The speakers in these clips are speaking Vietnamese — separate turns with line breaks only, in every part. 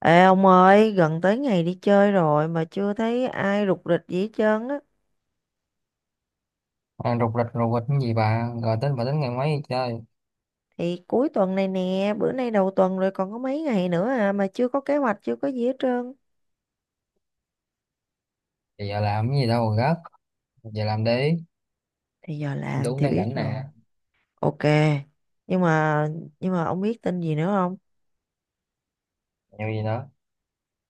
Ê ông ơi, gần tới ngày đi chơi rồi mà chưa thấy ai rục rịch gì hết trơn á.
À, rục rịch cái gì, bà tính ngày mấy đi chơi
Thì cuối tuần này nè, bữa nay đầu tuần rồi còn có mấy ngày nữa à mà chưa có kế hoạch, chưa có gì hết trơn.
thì giờ làm cái gì đâu mà gấp? Giờ làm đi.
Thì giờ làm
Đúng
thì
đang
biết
rảnh
rồi.
nè.
Ok. Nhưng mà nhưng mà ông biết tin gì nữa không?
Nhiều gì nữa?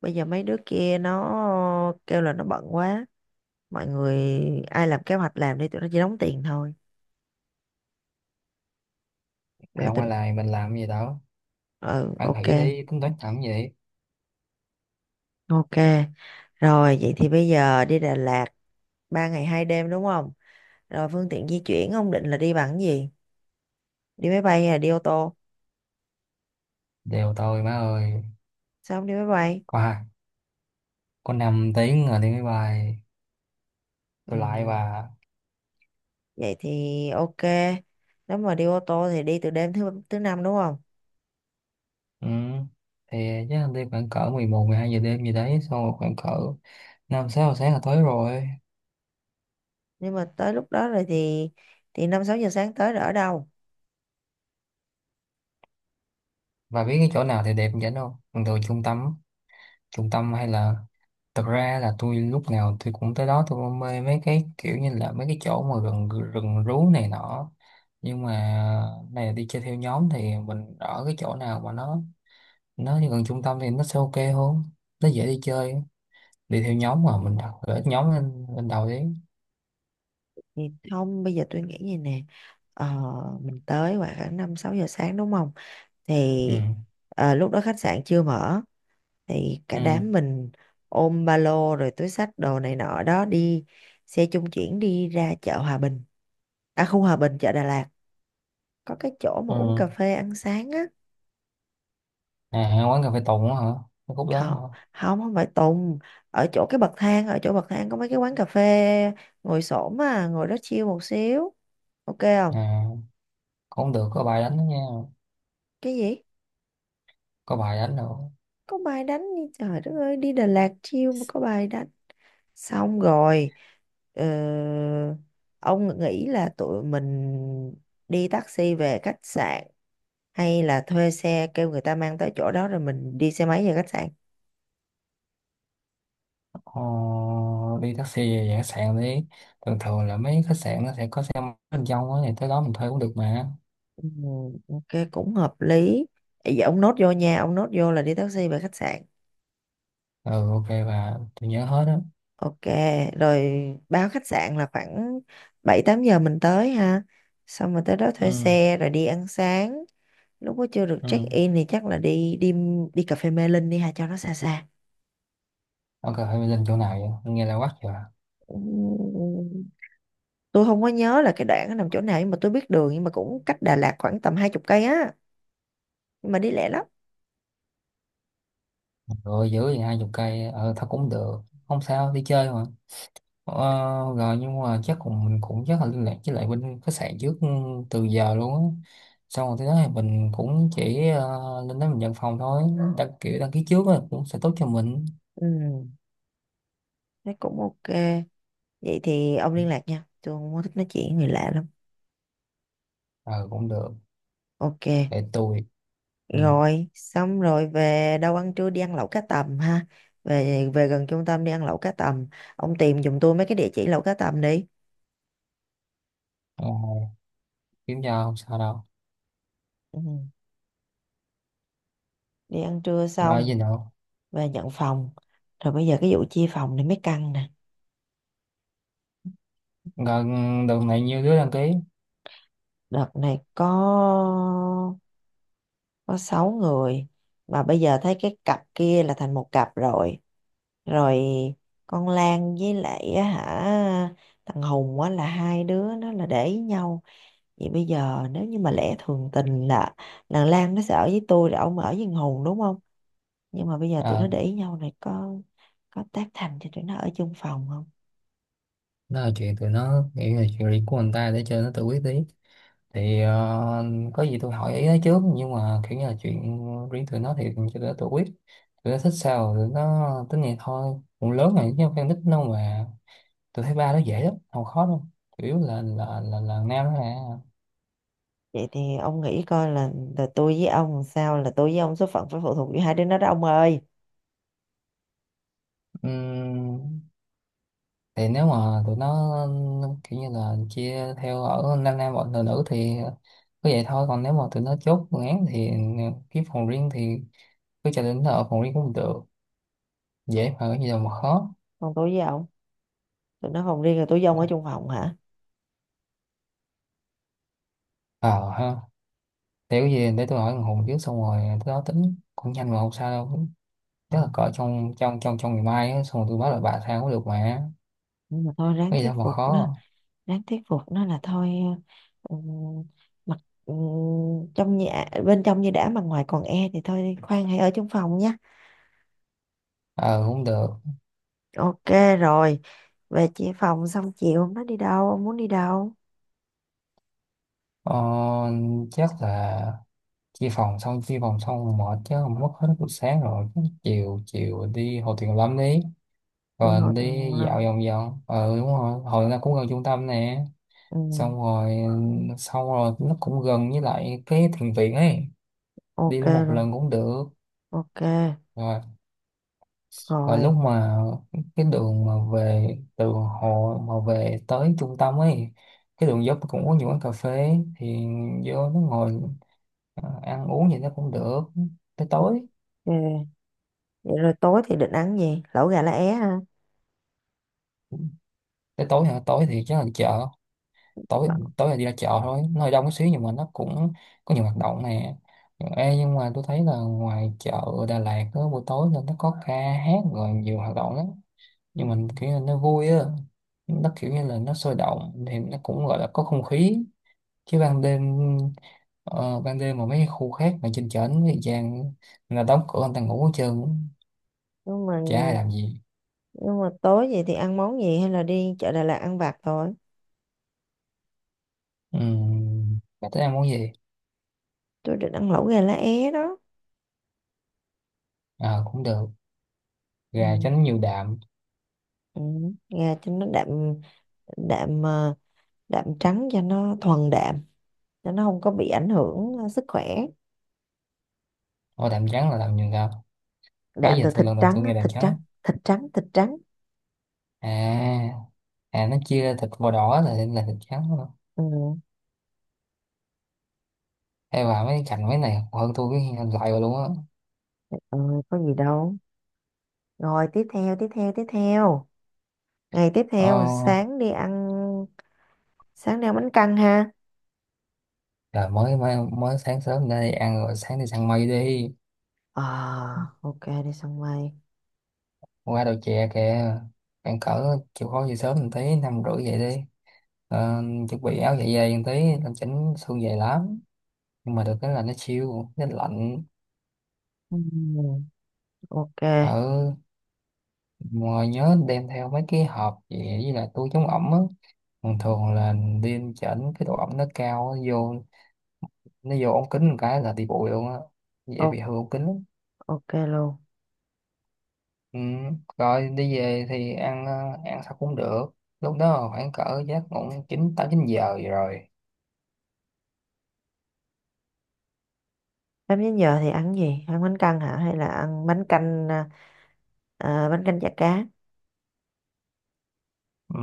Bây giờ mấy đứa kia nó kêu là nó bận quá. Mọi người ai làm kế hoạch làm đi, tụi nó chỉ đóng tiền thôi.
Thầy
Là
không
tụi
ai làm mình làm cái gì đâu.
Ừ,
Ăn
ok.
hỉ đi, tính toán làm cái gì?
Ok. Rồi vậy thì bây giờ đi Đà Lạt 3 ngày 2 đêm đúng không? Rồi phương tiện di chuyển ông định là đi bằng cái gì? Đi máy bay hay là đi ô tô?
Đều tôi má ơi.
Sao không đi máy bay?
Có hai, có 5 tiếng rồi đi máy bay.
Ừ.
Tôi lại và...
Vậy thì ok. Nếu mà đi ô tô thì đi từ đêm thứ thứ năm đúng không?
Ừ. Thì chắc là đi khoảng cỡ 11, 12 giờ đêm gì đấy, xong rồi khoảng cỡ 5 6 giờ sáng là tới rồi.
Nhưng mà tới lúc đó rồi thì 5 6 giờ sáng tới rồi ở đâu?
Bà biết cái chỗ nào thì đẹp vậy không? Thường thường trung tâm, hay là... Thật ra là tôi lúc nào tôi cũng tới đó, tôi cũng mê mấy cái kiểu như là mấy cái chỗ mà rừng rừng rú này nọ, nhưng mà này đi chơi theo nhóm thì mình ở cái chỗ nào mà nó gần trung tâm thì nó sẽ ok hơn, nó dễ đi chơi. Đi theo nhóm mà mình đặt gửi nhóm lên lên đầu đi.
Thì không, bây giờ tôi nghĩ như nè. Ờ, mình tới khoảng 5 6 giờ sáng đúng không? Thì
Ừ.
ờ, lúc đó khách sạn chưa mở, thì cả
Ừ.
đám mình ôm ba lô rồi túi xách đồ này nọ đó, đi xe trung chuyển đi ra chợ Hòa Bình, à khu Hòa Bình chợ Đà Lạt, có cái chỗ mà uống
Ừ.
cà phê ăn sáng á.
À, quán cà phê Tùng á hả? Cái khúc đó hả?
Không, không, không phải Tùng. Ở chỗ cái bậc thang, ở chỗ bậc thang có mấy cái quán cà phê ngồi xổm, à ngồi đó chill một xíu, ok không?
À, cũng được. Có bài đánh đó nha.
Cái gì?
Có bài đánh nữa.
Có bài đánh đi trời đất ơi, đi Đà Lạt chill mà có bài đánh. Xong rồi, ờ, ông nghĩ là tụi mình đi taxi về khách sạn, hay là thuê xe kêu người ta mang tới chỗ đó rồi mình đi xe máy về khách sạn?
Ờ, đi taxi về về khách sạn đi. Thường thường là mấy khách sạn nó sẽ có xe máy bên trong á thì tới đó mình thuê cũng được mà.
Ừ, ok cũng hợp lý. Vậy ông nốt vô nha, ông nốt vô là đi taxi về khách sạn.
Ừ ok, và tôi nhớ hết á.
Ok rồi, báo khách sạn là khoảng 7 8 giờ mình tới ha, xong rồi tới đó thuê
Ừ.
xe rồi đi ăn sáng. Lúc đó chưa được check
Ừ
in thì chắc là đi, đi đi cà phê Mê Linh đi ha, cho nó xa xa.
ok, phải lên chỗ nào, vậy nghe là quắc rồi.
Ừm, tôi không có nhớ là cái đoạn nó nằm chỗ nào nhưng mà tôi biết đường, nhưng mà cũng cách Đà Lạt khoảng tầm 20 cây á, nhưng mà đi lẹ lắm.
Rồi giữ thì 20 cây, ờ thôi cũng được, không sao đi chơi mà. Ờ, rồi nhưng mà chắc cũng mình cũng chắc là liên lạc với lại bên khách sạn trước, ừ, từ giờ luôn á. Xong rồi tới đó thì mình cũng chỉ ờ, lên đó mình nhận phòng thôi. Đăng kiểu đăng ký trước á cũng sẽ tốt cho mình.
Ừ thế cũng ok. Vậy thì ông liên lạc nha, tôi không có thích nói chuyện với người lạ lắm.
Ừ cũng được.
Ok.
Để tôi... Ừ.
Rồi xong rồi về đâu ăn trưa, đi ăn lẩu cá tầm ha. Về về gần trung tâm đi ăn lẩu cá tầm. Ông tìm giùm tôi mấy cái địa chỉ lẩu cá tầm đi.
Ờ, kiếm cho, không sao đâu.
Ừ. Đi ăn trưa
Gọi
xong
gì đâu.
về nhận phòng, rồi bây giờ cái vụ chia phòng này mới căng nè.
Gọi. Đợt này nhiều đứa đăng ký.
Đợt này có 6 người, mà bây giờ thấy cái cặp kia là thành một cặp rồi. Rồi con Lan với lại á hả, thằng Hùng á, là hai đứa nó là để ý nhau. Vậy bây giờ nếu như mà lẽ thường tình là thằng Lan nó sẽ ở với tôi rồi ông ở với thằng Hùng đúng không, nhưng mà bây giờ tụi
Ờ,
nó để ý nhau này, có tác thành cho tụi nó ở chung phòng không?
đó là chuyện tụi nó, nghĩ là chuyện riêng của người ta, để cho nó tự quyết tí. Thì ờ, có gì tôi hỏi ý nó trước, nhưng mà kiểu như là chuyện riêng tụi nó thì cho tụi nó tự quyết. Tụi nó thích sao tụi nó tính vậy thôi, cũng lớn rồi chứ không phải nít đâu mà. Tôi thấy ba nó dễ lắm, không khó đâu. Chủ yếu là nam đó.
Vậy thì ông nghĩ coi là tôi với ông làm sao, là tôi với ông số phận phải phụ thuộc vào hai đứa nó đó ông ơi.
Nè, thì nếu mà tụi nó kiểu như là chia theo ở nam nam bọn nữ nữ thì cứ vậy thôi, còn nếu mà tụi nó chốt phương án thì kiếm phòng riêng thì cứ cho đến ở phòng riêng cũng được. Dễ mà, cái gì đâu mà khó.
Còn tôi với ông, tụi nó phòng riêng rồi tôi với ông ở chung phòng hả?
Ờ ha. Để cái gì, để tôi hỏi thằng Hùng trước, xong rồi tới đó tính cũng nhanh mà, không sao đâu. Chắc
Ờ,
là cỡ trong trong trong trong ngày mai á, xong rồi tôi báo lại bà sao cũng được mà.
nhưng mà thôi ráng
Cái gì
thuyết
đâu mà
phục nó,
khó.
ráng thuyết phục nó là thôi, ờ, ừ, mặc, ừ, trong nhà bên trong như đã mà ngoài còn e thì thôi khoan hãy ở trong phòng nha.
Ờ cũng được.
Ok rồi. Về chia phòng xong chiều nó đi đâu, ông muốn đi đâu?
Ờ, chắc là chia phòng xong rồi mệt chứ không, mất hết buổi sáng rồi. Chứ chiều chiều đi Hồ Tuyền Lâm đi,
Đi
rồi
ngồi từ
đi
nguồn
dạo
lâm.
vòng vòng, ừ đúng rồi, hồi nó cũng gần trung tâm nè.
Ừ,
xong rồi Xong rồi nó cũng gần với lại cái thiền viện ấy. Đi
ok
luôn một
luôn.
lần cũng được.
Ok.
Rồi. Và lúc
Rồi.
mà cái đường mà về từ hồ mà về tới trung tâm ấy, cái đường dốc cũng có nhiều quán cà phê thì vô nó ngồi à, ăn uống gì nó cũng được, tới tối.
Ok. Vậy rồi tối thì định ăn gì, lẩu gà lá é ha.
Tới tối hả? Tối thì chắc là chợ. Tối Tối là đi ra chợ thôi, nó hơi đông một xíu nhưng mà nó cũng có nhiều hoạt động nè. Ê, nhưng mà tôi thấy là ngoài chợ Đà Lạt đó, buổi tối là nó có ca hát rồi nhiều hoạt động lắm,
Ừ.
nhưng mình kiểu là nó vui á, nó kiểu như là nó sôi động thì nó cũng gọi là có không khí, chứ ban đêm, ờ, ban đêm mà mấy khu khác mà trên chợ nó vàng là đóng cửa, người ta ngủ hết trơn,
nhưng mà
chả ai làm gì.
nhưng mà tối vậy thì ăn món gì, hay là đi chợ Đà Lạt ăn vặt thôi?
Bà tới ăn món gì?
Tôi định ăn lẩu gà lá é đó.
À, cũng được.
Ừ,
Gà chấm nhiều đạm.
ừ. Nghe cho nó đạm. Đạm, ờ, đạm trắng cho nó thuần đạm, cho nó không có bị ảnh hưởng, ờ, sức khỏe.
Ô, đạm trắng là làm nhiều đạm? Đó
Đạm
giờ
từ
tôi
thịt
lần đầu
trắng
tôi
á,
nghe đàn
thịt trắng,
trắng.
thịt trắng, thịt trắng.
À. À, nó chia ra thịt màu đỏ là thịt trắng luôn.
Ừ,
Hay vào mấy cạnh mấy này hơn, tôi cái lại rồi luôn á.
ừ, có gì đâu. Rồi tiếp theo ngày tiếp
Ờ,
theo sáng đi ăn, sáng đi ăn bánh căn ha.
trời mới, mới sáng sớm ra đi ăn, rồi sáng đi săn mây đi.
Ờ, ok đi sân bay.
Qua đầu chè kìa. Bạn cỡ chịu khó về sớm một tí, 5 rưỡi vậy đi. Ờ, chuẩn bị áo dạ dày một tí. Làm chỉnh xương dày lắm, nhưng mà được cái là nó siêu, nó lạnh.
Ừ, ok.
Ờ. Ngoài nhớ đem theo mấy cái hộp vậy với lại túi chống ẩm á. Thường thường là đi chỉnh cái độ ẩm nó cao, nó vô, ống kính một cái là đi bụi luôn á, dễ
O-,
bị hư ống kính lắm.
ok luôn.
Ừ. Rồi đi về thì ăn, ờ, ăn sao cũng được. Lúc đó khoảng cỡ giấc ngủ chín tám chín giờ vậy rồi.
Em đến giờ thì ăn gì? Ăn bánh căn hả? Hay là ăn bánh canh, à, à, bánh canh chả cá?
Ừ.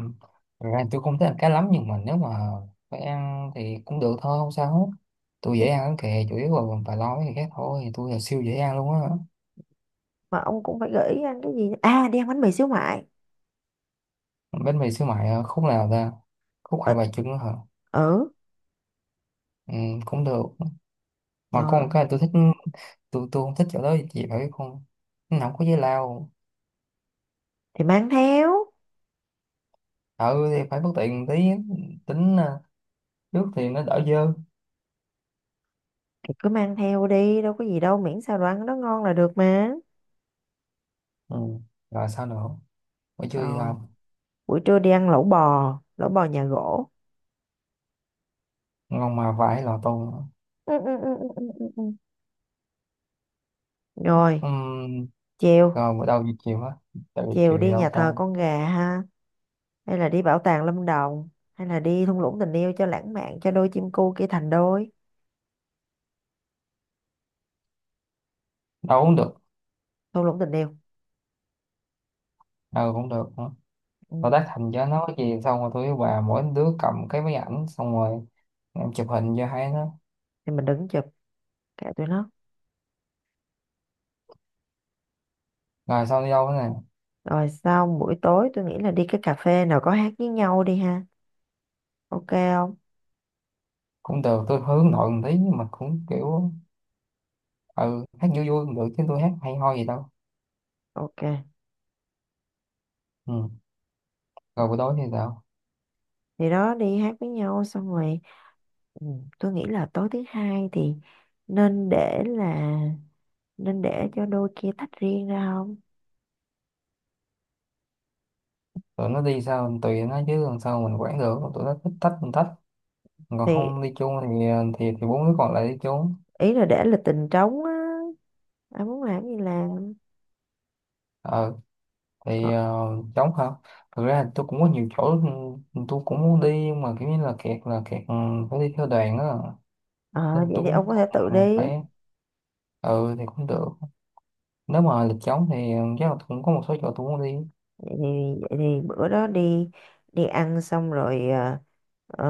Thật ra tôi không thích ăn cá lắm nhưng mà nếu mà phải ăn thì cũng được thôi, không sao hết. Tôi dễ ăn lắm kìa, chủ yếu là bà lo mấy cái khác thôi, tôi là siêu dễ ăn luôn á.
Mà ông cũng phải gợi ý ăn cái gì à, đi ăn bánh mì xíu mại.
Bánh mì xíu mại à, khúc nào ta? Khúc Hai
Ở,
Bà Trưng hả?
ừ.
Ừ, cũng được. Mà có một
Rồi.
cái tôi thích, tôi không thích chỗ đó, chị phải biết không? Nó không có giấy lao.
Thì mang theo,
Ừ thì phải bất tiện tí. Tính à, nước thì nó đỡ dơ.
thì cứ mang theo đi đâu có gì đâu, miễn sao đồ ăn nó ngon là được mà.
Ừ. Rồi sao nữa? Buổi trưa thì
Rồi
làm...
buổi trưa đi ăn lẩu bò, lẩu bò nhà gỗ.
Ngon mà vải lò tô nữa.
Ừ, ừ, ừ, ừ, ừ, ừ. Ừ. Rồi.
Ừm.
Chiều,
Rồi bữa đầu giờ chiều á, tại vì
chiều
chiều thì
đi
đâu
nhà thờ
ta?
con gà ha, hay là đi bảo tàng Lâm Đồng, hay là đi thung lũng tình yêu cho lãng mạn cho đôi chim cu kia thành đôi.
Đâu cũng được.
Thung lũng tình yêu.
Đâu cũng được nữa.
Ừ.
Rồi tác thành cho nó cái gì, xong rồi tôi với bà mỗi đứa cầm cái máy ảnh xong rồi em chụp hình cho hai nó.
Thì mình đứng chụp, kệ tụi nó.
Rồi xong đi đâu nữa nè?
Rồi xong buổi tối tôi nghĩ là đi cái cà phê nào có hát với nhau đi ha. Ok không?
Cũng được, tôi hướng nội một tí nhưng mà cũng kiểu, ừ hát vui vui cũng được chứ tôi hát hay ho gì đâu.
Ok.
Ừ. Rồi buổi tối thì sao?
Thì đó, đi hát với nhau xong rồi. Ừ, tôi nghĩ là tối thứ hai thì nên để là nên để cho đôi kia tách riêng ra không?
Tụi nó đi sao tùy nó chứ làm sao mình quản được, tụi nó thích tách mình tách, còn
Thì
không đi chung thì ờ, thì 4 đứa còn lại đi chung.
ý là để là tình trống á. Ai muốn làm gì làm.
Ờ.
Ờ,
Thì ờ, trống hả? Thực ra tôi cũng có nhiều chỗ, ừ, tôi cũng muốn đi nhưng mà kiểu như là kẹt là kẹt, ừ, phải đi theo đoàn á. Nên
ờ,
là
vậy
tôi
thì ông
cũng
có thể tự
ừ,
đi.
phải, ừ thì cũng được. Nếu mà lịch trống thì chắc là cũng có một số chỗ tôi muốn đi.
vậy thì vậy thì bữa đó đi, đi ăn xong rồi, à, ờ,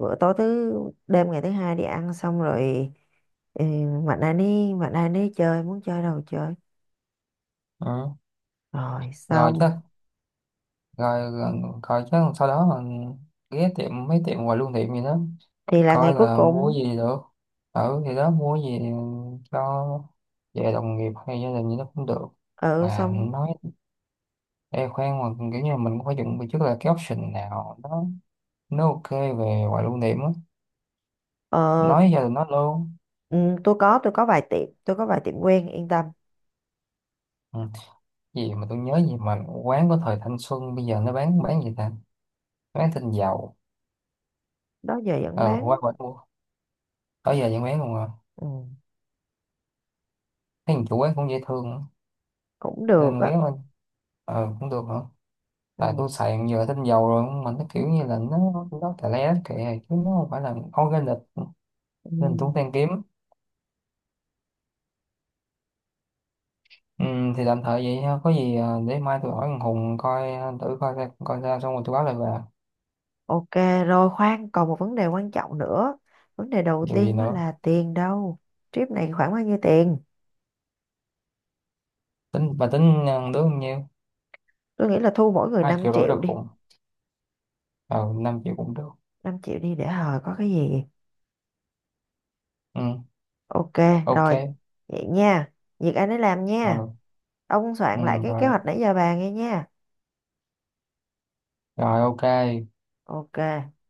bữa tối thứ, đêm ngày thứ hai đi ăn xong rồi, ừ, mạnh ai đi chơi, muốn chơi đâu chơi.
Ừ.
Rồi
Rồi
xong.
chắc. Rồi. Coi chứ sau đó mà ghé tiệm mấy tiệm quà lưu niệm gì đó,
Thì là ngày
coi
cuối
là mua
cùng.
gì được, ở thì đó mua gì cho về đồng nghiệp hay gia đình gì đó cũng được.
Ừ
Mà
xong.
nói e khoan mà kiểu như là mình cũng phải chuẩn bị trước là cái option nào đó nó ok về quà lưu niệm á,
Ờ,
nói gia đình nó luôn.
ừ, tôi có vài tiệm tôi có vài tiệm quen yên tâm.
Ừ. Gì mà tôi nhớ, gì mà quán của thời thanh xuân bây giờ nó bán gì ta? Bán thịt dầu.
Đó giờ vẫn
Ừ qua
bán.
bển mua. Tới giờ vẫn bán luôn à?
Ừ,
Thấy thằng chủ quán cũng dễ thương á.
cũng được
Nên
á.
ghé qua. Ờ cũng được hả?
Ừ.
Tại tôi xài giờ tinh dầu rồi mà nó kiểu như là nó tè le kệ chứ nó không phải là organic.
Ừ.
Nên tôi cũng đang kiếm. Ừ, thì tạm thời vậy ha, có gì à, để mai tôi hỏi thằng Hùng coi, à, thử coi ra xong rồi tôi báo lại về.
Ok rồi, khoan còn một vấn đề quan trọng nữa, vấn đề đầu
Điều gì
tiên đó
nữa?
là tiền đâu. Trip này khoảng bao nhiêu tiền?
Tính bà tính à, đứa bao nhiêu?
Tôi nghĩ là thu mỗi người
hai
5
triệu rưỡi
triệu
được
đi.
Hùng. Ờ 5 triệu cũng được.
Năm triệu đi để hồi có cái gì.
Ừ
Ok. Rồi,
ok.
vậy nha, việc anh ấy làm
Ờ.
nha, ông
Ừ,
soạn lại cái kế
rồi.
hoạch nãy giờ bàn nghe nha.
Rồi ok.
Ok.